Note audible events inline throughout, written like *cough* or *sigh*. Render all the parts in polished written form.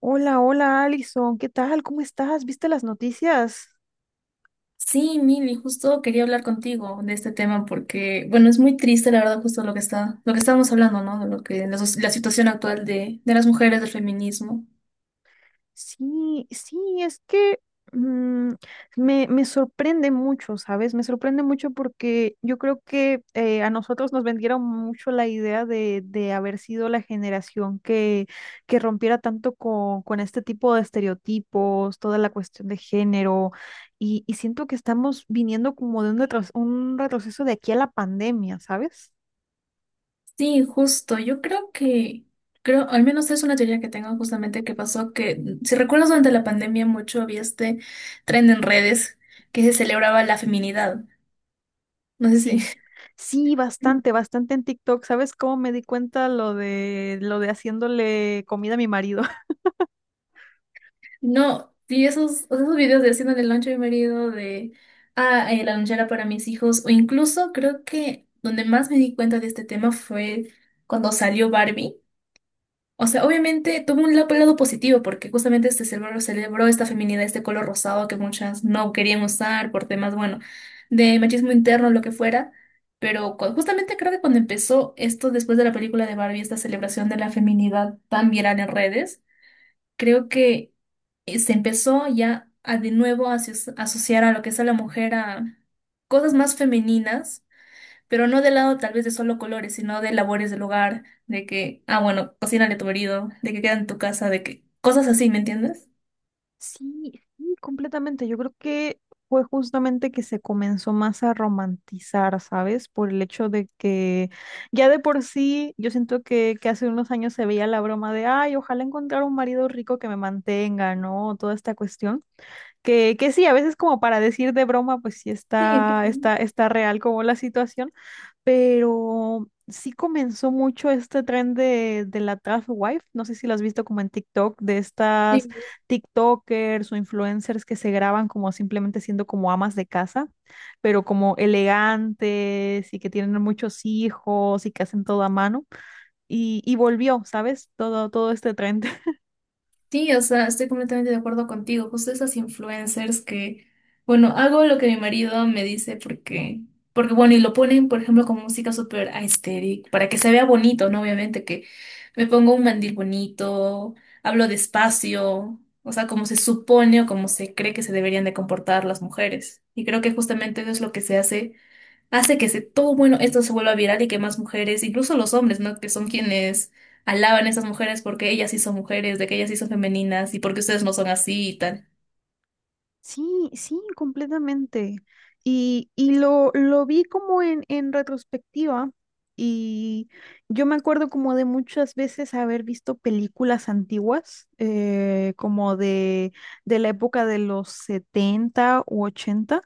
Hola, hola, Alison, ¿qué tal? ¿Cómo estás? ¿Viste las noticias? Sí, Mili, justo quería hablar contigo de este tema porque, bueno, es muy triste, la verdad, justo lo que estábamos hablando, ¿no? De lo que, la, soc- La situación actual de las mujeres, del feminismo. Sí, sí, es que mm, me sorprende mucho, ¿sabes? Me sorprende mucho porque yo creo que a nosotros nos vendieron mucho la idea de haber sido la generación que rompiera tanto con este tipo de estereotipos, toda la cuestión de género, y siento que estamos viniendo como de un, un retroceso de aquí a la pandemia, ¿sabes? Sí, justo. Yo creo, al menos es una teoría que tengo, justamente que pasó que, si recuerdas, durante la pandemia mucho había este trend en redes que se celebraba la feminidad. No sé Sí, si. sí, *laughs* bastante, bastante en TikTok. ¿Sabes cómo me di cuenta lo de haciéndole comida a mi marido? *laughs* No, y esos, o sea, esos videos de haciendo el lonche a mi marido, la lonchera para mis hijos, o incluso creo que donde más me di cuenta de este tema fue cuando salió Barbie. O sea, obviamente tuvo un lado positivo, porque justamente este cerebro celebró esta feminidad, este color rosado que muchas no querían usar por temas, bueno, de machismo interno, lo que fuera. Pero justamente creo que cuando empezó esto, después de la película de Barbie, esta celebración de la feminidad tan viral en redes, creo que se empezó ya a de nuevo a asociar a lo que es a la mujer a cosas más femeninas, pero no del lado tal vez de solo colores, sino de labores del hogar, de que, ah, bueno, cocínale a tu marido, de que queda en tu casa, de que cosas así, ¿me entiendes? Sí, sí, completamente. Yo creo que fue justamente que se comenzó más a romantizar, ¿sabes? Por el hecho de que ya de por sí, yo siento que hace unos años se veía la broma de, ay, ojalá encontrar un marido rico que me mantenga, ¿no? Toda esta cuestión. Que sí, a veces como para decir de broma, pues sí Sí, claro. está, está, está real como la situación, pero sí comenzó mucho este tren de la trap wife. No sé si lo has visto como en TikTok, de estas Sí, TikTokers o influencers que se graban como simplemente siendo como amas de casa, pero como elegantes y que tienen muchos hijos y que hacen todo a mano. Y volvió, ¿sabes? Todo, todo este tren. sí, o sea, estoy completamente de acuerdo contigo. Justo esas influencers que, bueno, hago lo que mi marido me dice porque bueno, y lo ponen, por ejemplo, con música súper aesthetic, para que se vea bonito, ¿no? Obviamente que me pongo un mandil bonito, hablo despacio, o sea, como se supone o como se cree que se deberían de comportar las mujeres. Y creo que justamente eso es lo que se hace hace que se, todo bueno, esto se vuelva viral y que más mujeres, incluso los hombres, ¿no? Que son quienes alaban a esas mujeres porque ellas sí son mujeres, de que ellas sí son femeninas, y porque ustedes no son así y tal. Sí, sí, completamente. Y lo vi como en retrospectiva y yo me acuerdo como de muchas veces haber visto películas antiguas, como de la época de los 70 u 80.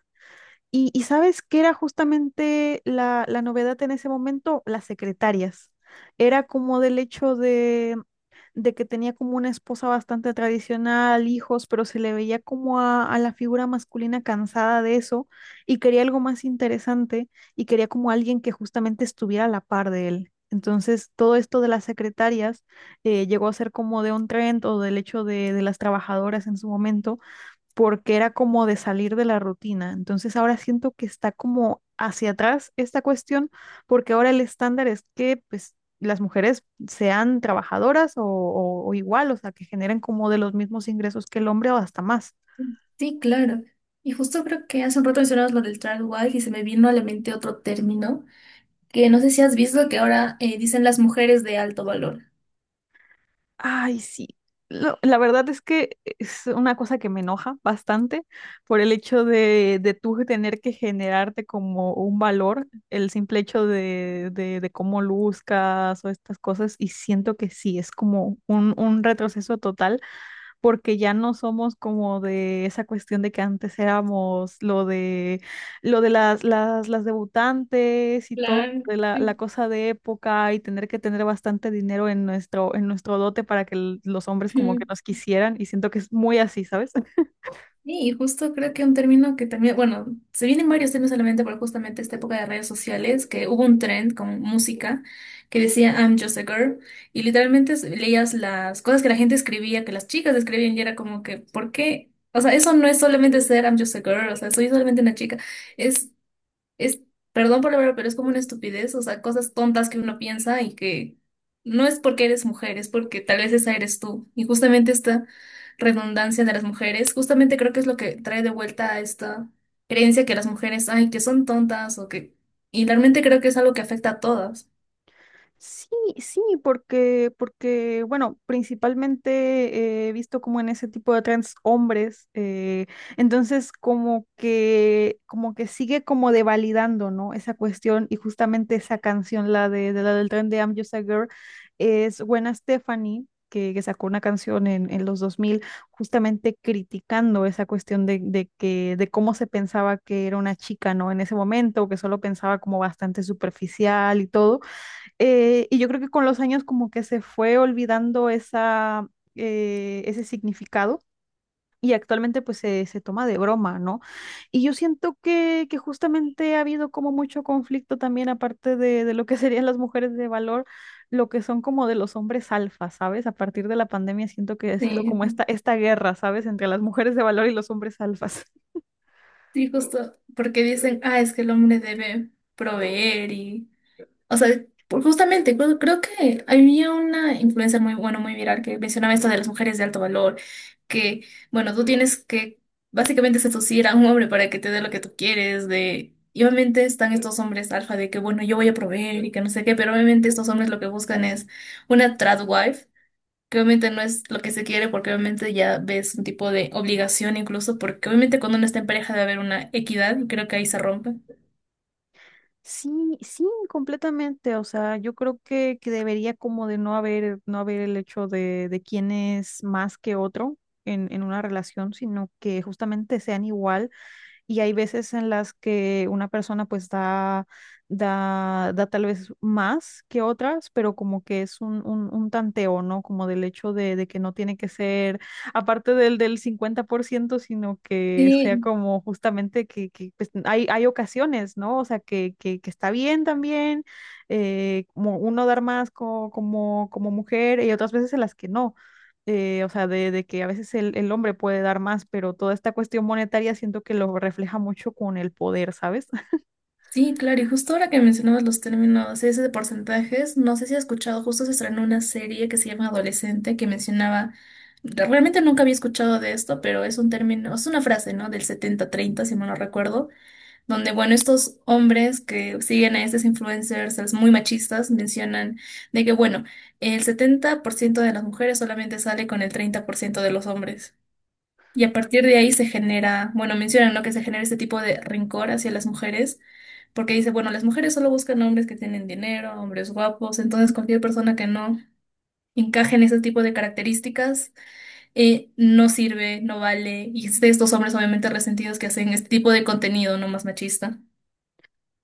Y ¿sabes qué era justamente la, la novedad en ese momento? Las secretarias. Era como del hecho de que tenía como una esposa bastante tradicional, hijos, pero se le veía como a la figura masculina cansada de eso y quería algo más interesante y quería como alguien que justamente estuviera a la par de él. Entonces, todo esto de las secretarias llegó a ser como de un trend o del hecho de las trabajadoras en su momento, porque era como de salir de la rutina. Entonces ahora siento que está como hacia atrás esta cuestión, porque ahora el estándar es que pues las mujeres sean trabajadoras o igual, o sea, que generen como de los mismos ingresos que el hombre o hasta más. Sí, claro. Y justo creo que hace un rato mencionabas lo del tradwife, y se me vino a la mente otro término que no sé si has visto que ahora dicen, las mujeres de alto valor. Ay, sí. La verdad es que es una cosa que me enoja bastante por el hecho de tú tener que generarte como un valor, el simple hecho de cómo luzcas o estas cosas, y siento que sí, es como un retroceso total porque ya no somos como de esa cuestión de que antes éramos lo de las debutantes y todo Claro, de la, la cosa de época y tener que tener bastante dinero en nuestro dote para que los hombres como que sí. nos quisieran y siento que es muy así, ¿sabes? Sí, y justo creo que un término que también, bueno, se vienen varios términos solamente por justamente esta época de redes sociales, que hubo un trend con música que decía I'm just a girl, y literalmente leías las cosas que la gente escribía, que las chicas escribían, y era como que, ¿por qué? O sea, eso no es solamente ser I'm just a girl, o sea, soy solamente una chica, es es, perdón por la verdad, pero es como una estupidez, o sea, cosas tontas que uno piensa y que no es porque eres mujer, es porque tal vez esa eres tú. Y justamente esta redundancia de las mujeres, justamente creo que es lo que trae de vuelta a esta creencia que las mujeres, ay, que son tontas o que... Y realmente creo que es algo que afecta a todas. Sí, sí, porque, porque, bueno, principalmente he visto como en ese tipo de trans hombres, entonces como que sigue como devalidando, ¿no? Esa cuestión y justamente esa canción, la de la del tren de I'm Just a Girl, es Gwen Stefani, que sacó una canción en los 2000 justamente criticando esa cuestión de que, de cómo se pensaba que era una chica, ¿no? En ese momento, que solo pensaba como bastante superficial y todo. Y yo creo que con los años como que se fue olvidando esa, ese significado y actualmente pues se toma de broma, ¿no? Y yo siento que justamente ha habido como mucho conflicto también aparte de lo que *laughs* serían las mujeres de valor, lo que son como de los hombres alfa, ¿sabes? A partir de la pandemia siento que ha sido Sí, como esta guerra, ¿sabes? Entre las mujeres de valor y los hombres alfas. sí, justo porque dicen, ah, es que el hombre debe proveer y o sea, justamente, creo que había una influencer muy, bueno, muy viral, que mencionaba esto de las mujeres de alto valor, que, bueno, tú tienes que básicamente seducir a un hombre para que te dé lo que tú quieres, de... Y obviamente están estos hombres alfa de que, bueno, yo voy a proveer y que no sé qué, pero obviamente estos hombres lo que buscan es una trad wife, que obviamente no es lo que se quiere, porque obviamente ya ves un tipo de obligación incluso, porque obviamente cuando uno está en pareja debe haber una equidad y creo que ahí se rompe. Sí, sí, completamente. O sea, yo creo que debería como de no haber, no haber el hecho de quién es más que otro en una relación, sino que justamente sean igual y hay veces en las que una persona pues da, da tal vez más que otras, pero como que es un tanteo, ¿no? Como del hecho de que no tiene que ser aparte del, del 50%, sino que sea Sí, como justamente que, pues, hay ocasiones, ¿no? O sea, que está bien también, como uno dar más como, como mujer y otras veces en las que no o sea, de que a veces el hombre puede dar más, pero toda esta cuestión monetaria siento que lo refleja mucho con el poder, ¿sabes? *laughs* sí, claro, y justo ahora que mencionabas los términos ese de porcentajes, no sé si has escuchado, justo se estrenó una serie que se llama Adolescente, que mencionaba, realmente nunca había escuchado de esto, pero es un término, es una frase, ¿no? Del 70-30, si mal no recuerdo, donde, bueno, estos hombres que siguen a estos influencers es muy machistas, mencionan de que, bueno, el 70% de las mujeres solamente sale con el 30% de los hombres. Y a partir de ahí se genera, bueno, mencionan, ¿no? Que se genera este tipo de rencor hacia las mujeres, porque dice, bueno, las mujeres solo buscan hombres que tienen dinero, hombres guapos, entonces cualquier persona que no encaje en ese tipo de características no sirve, no vale. Y es de estos hombres obviamente resentidos que hacen este tipo de contenido, no más machista.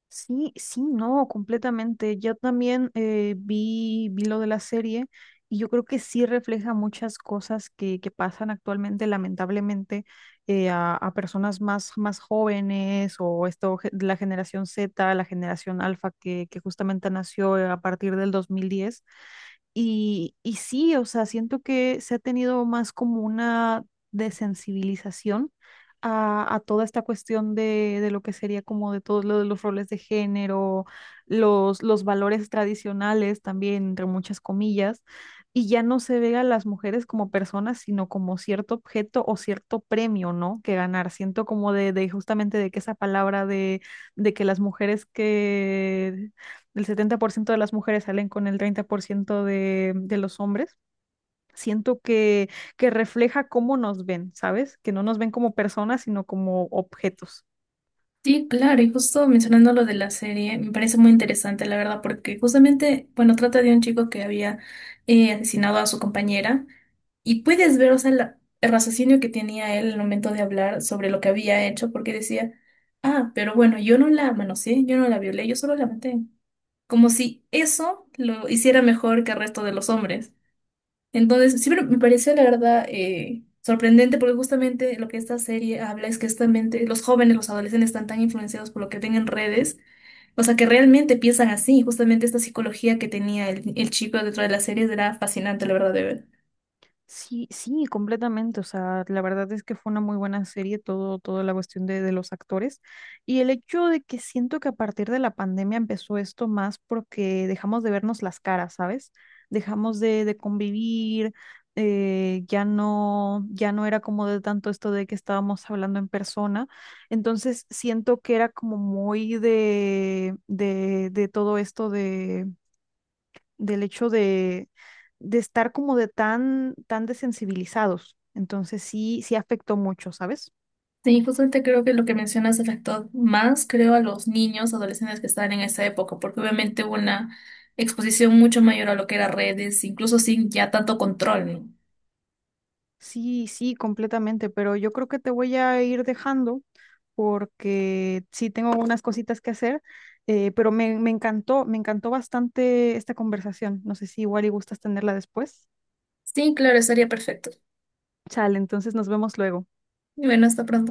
Sí, sí, no, completamente. Yo también vi lo de la serie y yo creo que sí refleja muchas cosas que pasan actualmente, lamentablemente, a personas más, más jóvenes o esto, la generación Z, la generación Alfa que justamente nació a partir del 2010. Y sí, o sea, siento que se ha tenido más como una desensibilización a toda esta cuestión de lo que sería como de todos lo de los roles de género, los valores tradicionales también, entre muchas comillas, y ya no se ve a las mujeres como personas, sino como cierto objeto o cierto premio, ¿no? Que ganar. Siento como de justamente de que esa palabra de que las mujeres que el 70% de las mujeres salen con el 30% de los hombres. Siento que refleja cómo nos ven, ¿sabes? Que no nos ven como personas, sino como objetos. Sí, claro, y justo mencionando lo de la serie, me parece muy interesante, la verdad, porque justamente, bueno, trata de un chico que había asesinado a su compañera, y puedes ver, o sea, el raciocinio que tenía él al momento de hablar sobre lo que había hecho, porque decía, ah, pero bueno, yo no la manoseé, yo no la violé, yo solo la maté. Como si eso lo hiciera mejor que el resto de los hombres. Entonces, siempre me pareció, la verdad, sorprendente, porque justamente lo que esta serie habla es que justamente los jóvenes, los adolescentes están tan influenciados por lo que ven en redes, o sea, que realmente piensan así. Justamente esta psicología que tenía el chico dentro de la serie era fascinante, la verdad, de ver. Sí, sí, completamente. O sea, la verdad es que fue una muy buena serie, todo, toda la cuestión de los actores. Y el hecho de que siento que a partir de la pandemia empezó esto más porque dejamos de vernos las caras, ¿sabes? Dejamos de convivir, ya no, ya no era como de tanto esto de que estábamos hablando en persona. Entonces siento que era como muy de todo esto del hecho de estar como de tan, tan desensibilizados. Entonces sí, sí afectó mucho, ¿sabes? Sí, justamente creo que lo que mencionas afectó más, creo, a los niños, adolescentes que estaban en esa época, porque obviamente hubo una exposición mucho mayor a lo que era redes, incluso sin ya tanto control, ¿no? Sí, sí, completamente, pero yo creo que te voy a ir dejando porque sí tengo unas cositas que hacer, pero me encantó, me encantó bastante esta conversación. No sé si igual y gustas tenerla después. Sí, claro, estaría perfecto. Chale, entonces nos vemos luego. Y bueno, hasta pronto.